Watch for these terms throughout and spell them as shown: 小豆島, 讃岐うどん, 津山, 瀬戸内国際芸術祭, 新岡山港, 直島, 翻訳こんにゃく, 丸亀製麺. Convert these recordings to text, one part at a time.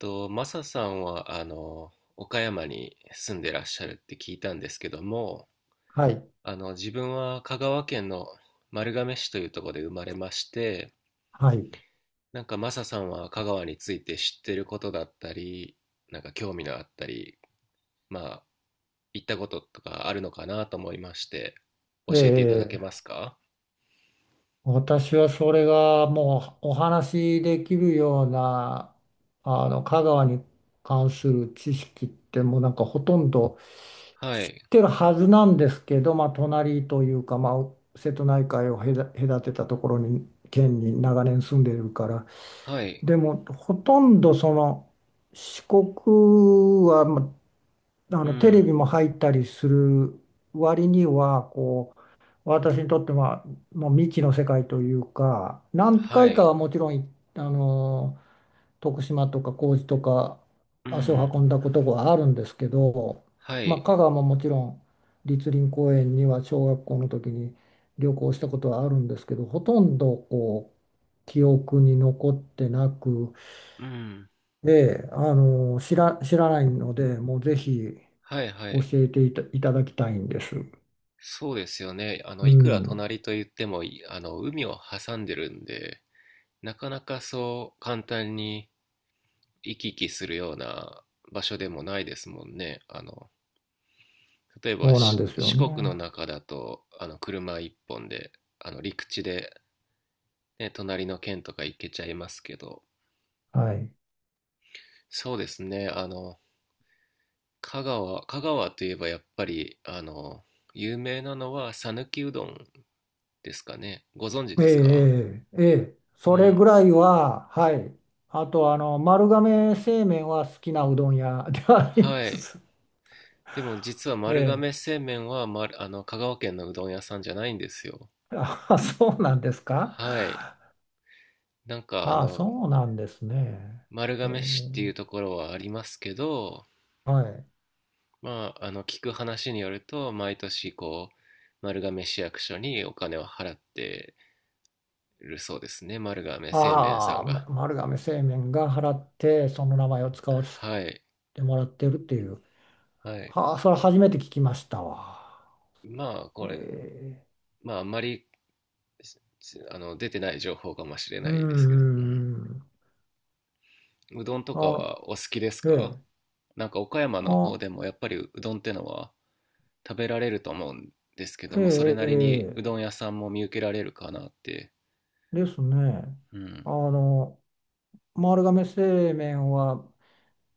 と、マサさんは、岡山に住んでらっしゃるって聞いたんですけども、はい、自分は香川県の丸亀市というところで生まれまして、はい。なんかマサさんは香川について知ってることだったり、なんか興味のあったり、まあ、行ったこととかあるのかなと思いまして、教ええていただけまえ、すか？私はそれがもうお話しできるような、香川に関する知識ってもうなんかほとんど知っはい。てるはずなんですけど、まあ、隣というか、まあ、瀬戸内海を隔てたところに、県に長年住んでいるから、はい。でも、ほとんど四国は、まあ、うテレん。ビも入ったりする割には、こう、私にとってはもう未知の世界というか何は回かい。はもちろんいあの徳島とか高知とかう足をん。運んだことがあるんですけど、はまあ、い。香川ももちろん栗林公園には小学校の時に旅行したことはあるんですけど、ほとんどこう記憶に残ってなくうん。で、知らないのでもうぜひはい。は教い。えていた、いただきたいんです。そうですよね。ういくらん、隣と言っても、いあの、海を挟んでるんで、なかなかそう簡単に行き来するような場所でもないですもんね。例えばそうなんですよ四ね。国の中だと、車一本で、陸地で、ね、隣の県とか行けちゃいますけど、はい。そうですね。香川といえばやっぱり、有名なのは讃岐うどんですかね。ご存知えでえ、すか？ええ、ええ、うそれぐん。らいは、はい。あと、丸亀製麺は好きなうどん屋 ではありまはい。す。でも実は丸え亀製麺は、あの香川県のうどん屋さんじゃないんですよ。え。あ、そうなんですか。はい。なんかあ、そうなんですね。丸ええ、亀市っていうところはありますけど、はい。まあ、聞く話によると毎年こう丸亀市役所にお金を払ってるそうですね。丸亀製麺さあんあ、ま、が。丸亀製麺が払って、その名前を使わせはい。てもらってるっていう。はい。はあ、それ初めて聞きましたわ。まあこえれ、え、まああんまり出てない情報かもしれうないですけん、ど、ううんうん、ん、うどんとかあ、はお好きですえか？え、なんか岡山の方あ、でもやっぱりうどんってのは食べられると思うんですけどえも、それえ、なりにえうえ。どん屋さんも見受けられるかなって。ですね。うん。あの、丸亀製麺は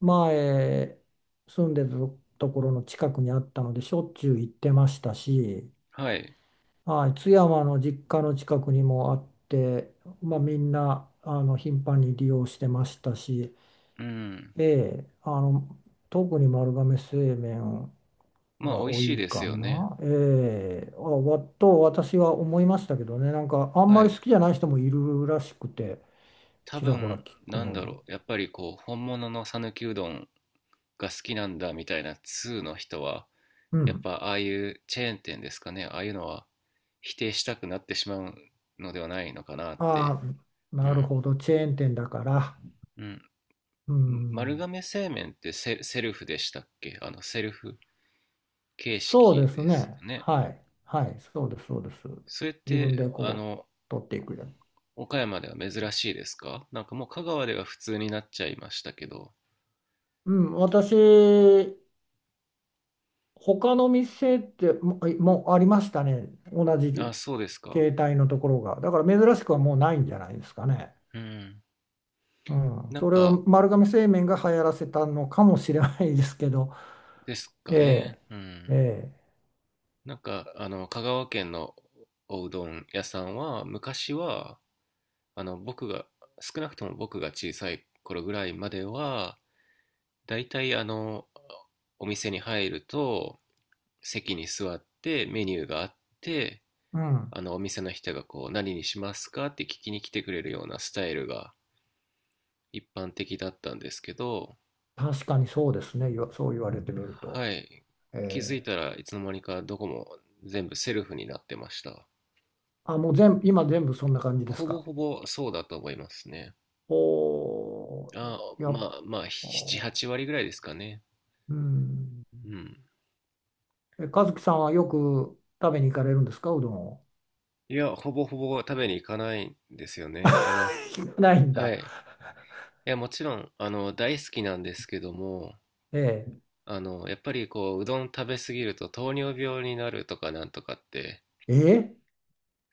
前住んでたところの近くにあったのでしょっちゅう行ってましたし、はい。はい、津山の実家の近くにもあって、まあ、みんな、あの、頻繁に利用してましたし、うん。ええ、特に丸亀製麺まあ美が味多しいいですかよね。な、ええ、あ、わと私は思いましたけどね、なんかあんまはりい。好きじゃない人もいるらしくて。多ちらほら分、聞くなんのだに。ろう。やっぱりこう、本物の讃岐うどんが好きなんだみたいな通の人は、うやっん。ぱああいうチェーン店ですかね。ああいうのは否定したくなってしまうのではないのかなって。ああ、うなるん。ほど。チェーン店だから。うん。う丸ん。亀製麺ってセルフでしたっけ？セルフ形そうで式すですね。ね。はい。はい。そうです。そうです。それっ自分て、でこう、取っていくやつ。岡山では珍しいですか？なんかもう香川では普通になっちゃいましたけど。うん。私、他の店っても、もうありましたね。同あ、じそうですか。携帯のところが。だから珍しくはもうないんじゃないですかね。うん。うん。なんそれはか、丸亀製麺が流行らせたのかもしれないですけど。ですえかね。え。うえん。え。なんか、香川県のおうどん屋さんは、昔は、あの、僕が、少なくとも僕が小さい頃ぐらいまでは、大体お店に入ると、席に座ってメニューがあって、うん。あのお店の人がこう何にしますかって聞きに来てくれるようなスタイルが一般的だったんですけど、確かにそうですね。よ、そう言われてみると。はい、え気づいえ、たらいつの間にかどこも全部セルフになってました。あ、もう全部、今全部そんな感じですほぼか。ほぼそうだと思いますね。おあ、ー、やっまあまあ、7、ぱ、8割ぐらいですかね。うん。うん。え、和樹さんはよく食べに行かれるんですか、うどんを。いや、ほぼほぼ食べに行かないんですよね。行かないんはだ。い。いや、もちろん、大好きなんですけども、えやっぱりこう、うどん食べ過ぎると糖尿病になるとかなんとかって、え、え、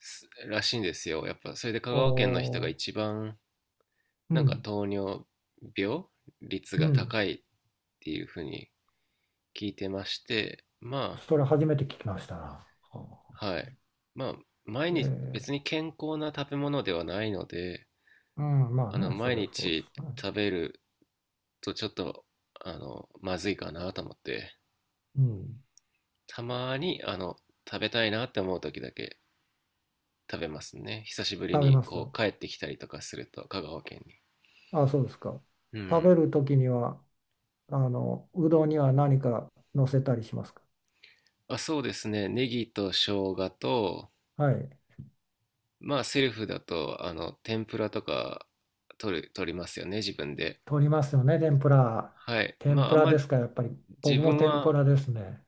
すらしいんですよ。やっぱ、それで香川県の人がお一番、ー、うなんかん、糖尿病率うがん。高いっていうふうに聞いてまして、まそれ初めて聞きましたな。はあ、あ、はい。まあ、毎日、別ええ、に健康な食べ物ではないので、うん、まあね、そ毎れはそうで日すね。食べるとちょっと、まずいかなと思って、うん、たまに、食べたいなって思う時だけ食べますね。久しぶり食べに、まこす。う、帰ってきたりとかすると、香川県に。あ、そうですか。う食ん。べるときには、うどんには何か乗せたりしますか。あ、そうですね。ネギと生姜と、はい。まあ、セルフだと、天ぷらとか、取りますよね、自分で。取りますよね、天ぷら。はい。天ぷらですか、やっぱり。自僕も分天ぷは、らですね。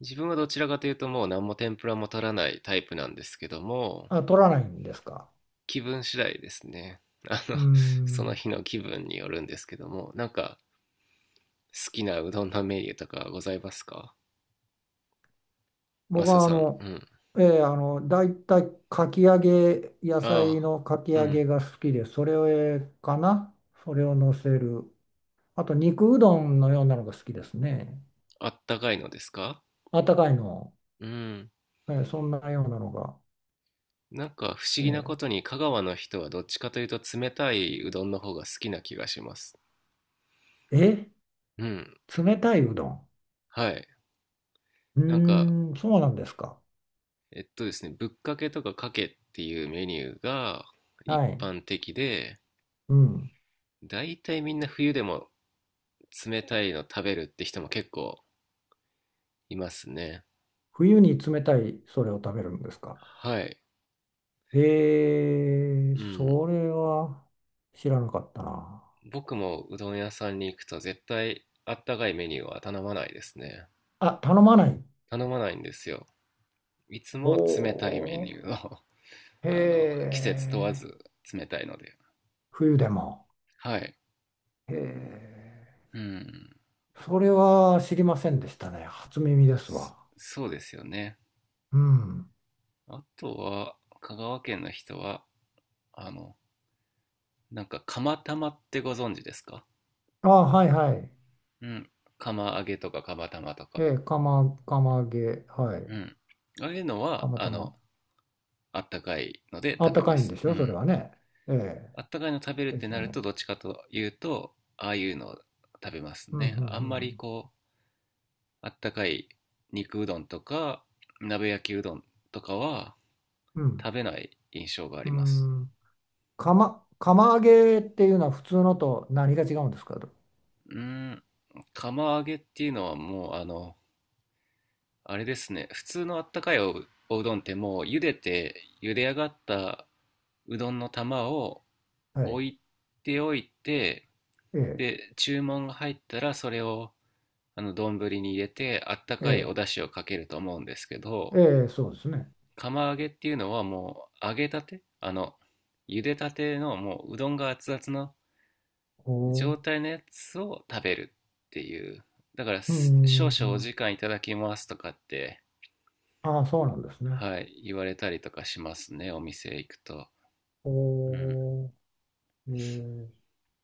自分はどちらかというと、もう何も天ぷらも取らないタイプなんですけども、あ、取らないんですか。気分次第ですね。あの、うー そのん。日の気分によるんですけども、なんか、好きなうどんのメニューとかございますか、マ僕サはさん？うん。ええ、だいたいかき揚げ、野菜あのかきあ、う揚ん。げが好きで、それを、かな。それを乗せる。あと、肉うどんのようなのが好きですね。あったかいのですか？あったかいの。うん。ええ、そんなようなのが。なんか不思議なことえ、に香川の人はどっちかというと冷たいうどんの方が好きな気がします。ええ、うん。冷たいうどん。はい。うなんか、ーん、そうなんですか。えっとですね、ぶっかけとかかけっていうメニューがは一い。般的で、うん。だいたいみんな冬でも冷たいの食べるって人も結構いますね。冬に冷たいそれを食べるんですか。はい。へえ、うん。それは知らなかったな。僕もうどん屋さんに行くと絶対あったかいメニューは頼まないですね。あ、頼まない。頼まないんですよ。いつおも冷たいメー、ニューを へ季節問わえ、ず冷たいので。冬でも。はい。へえ、うん。それは知りませんでしたね。初耳ですそわ。そうですよね。うん。あとは、香川県の人は、あの、なんか釜玉ってご存知ですか？あ、はいはい。うん。釜揚げとか釜玉とえか。え、釜、釜揚げ、はい。うん。ああいうのは、釜玉。あったかいのであっ食たべかまいんす。でしうょ、それん。はね。えあったかいの食べるっえ、でてすなよると、ね。どっちかというと、ああいうのを食べますうん、うん、うね。あんまりん。こう、あったかい肉うどんとか、鍋焼きうどんとかはうん。食べない印象がありうます。ん。釜、釜揚げっていうのは普通のと何が違うんですかと。うーん、釜揚げっていうのはもう、あれですね、普通のあったかいおうどんってもう茹でて、茹で上がったうどんの玉をは置い。いておいて、ええ、で、注文が入ったらそれをあの丼に入れてあったえかいおえ、出汁をかけると思うんですけど、ええ、そうですね。釜揚げっていうのはもう揚げたて、茹でたてのもううどんが熱々のおお。状態のやつを食べるっていう、だからう少々おん。時間いただきますとかって、ああ、そうなんですね。はい、言われたりとかしますね、お店行くと。おうん。お。ええ、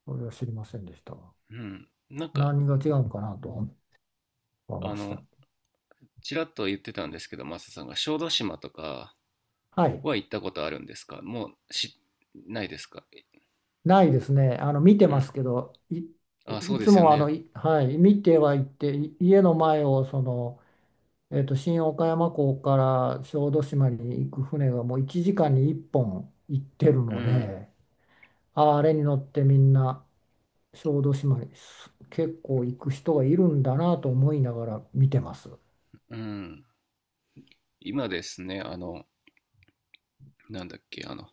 それは知りませんでしたわ。うん。なんか、何が違うのかなと思いあました。のちらっと言ってたんですけど、マサさんが小豆島とかはい。は行ったことあるんですか？もうしないですか？ないですね。見てうますん。けど、い、あ、そういでつすよもあの、ね。はい、見てはいって、家の前をその、新岡山港から小豆島に行く船がもう1時間に1本行ってるうのん。で、あれに乗ってみんな小豆島に結構行く人がいるんだなと思いながら見てます。うん。今ですね、なんだっけ、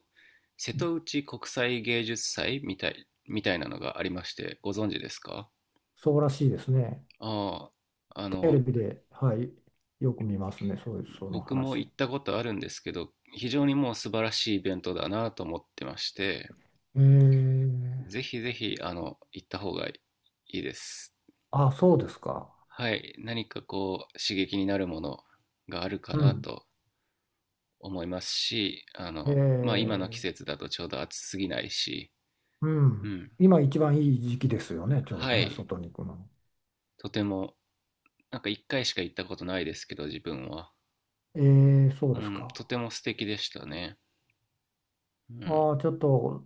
瀬戸内国際芸術祭みたいなのがありまして、ご存知ですか？そうらしいですね。ああ、テレビで、はい、よく見ますね、そういう、その僕も話。行ったことあるんですけど、非常にもう素晴らしいイベントだなと思ってまして、えー、ぜひぜひ、行った方がいいです。あ、そうですか。はい、何かこう、刺激になるものがあるかうなん。と思いますし、まあ今えの季節だとちょうど暑すぎないし、ー、ううん。ん。今一番いい時期ですよね、ちょうはどね、い。外に行くの。とても、なんか一回しか行ったことないですけど、自分は。えー、そううですん。か。とても素敵でしたね。うん。ああ、ちょっと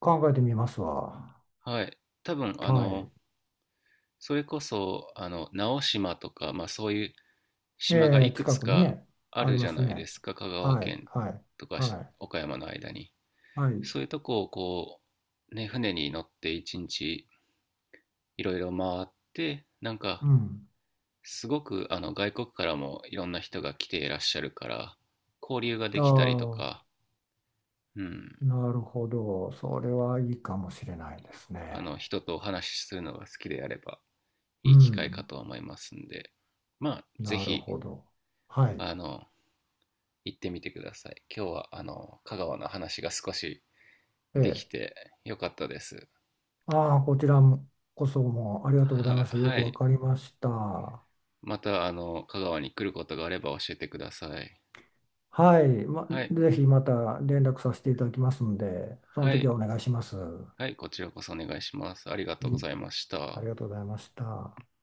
考えてみますわ。はい。多分、はい。それこそ、直島とか、まあそういうえ島がー、いく近つくにかね、あありるじまゃすないでね。すか。香川はい、県はい、とかはい、岡山の間に。はい。そういうとこをこう、ね、船に乗って一日いろいろ回って、なんか、うん。すごく外国からもいろんな人が来ていらっしゃるから、交流ができたりとか、あうん。あ、なるほど。それはいいかもしれないですね。人とお話しするのが好きであれば、ういい機会かん。と思いますんで、まあ、ぜなるひ、ほど。はい。あの、行ってみてください。今日は、香川の話が少しえでえ。きてよかったです。ああ、こちらもこそもありがとうございまは、した。よはくわい。かりました。はまた、香川に来ることがあれば教えてください。い。ま、はい。ぜひまた連絡させていただきますので、そのは時い。はお願いします。ははい、こちらこそお願いします。ありがい。とうございましあた。りがとうございました。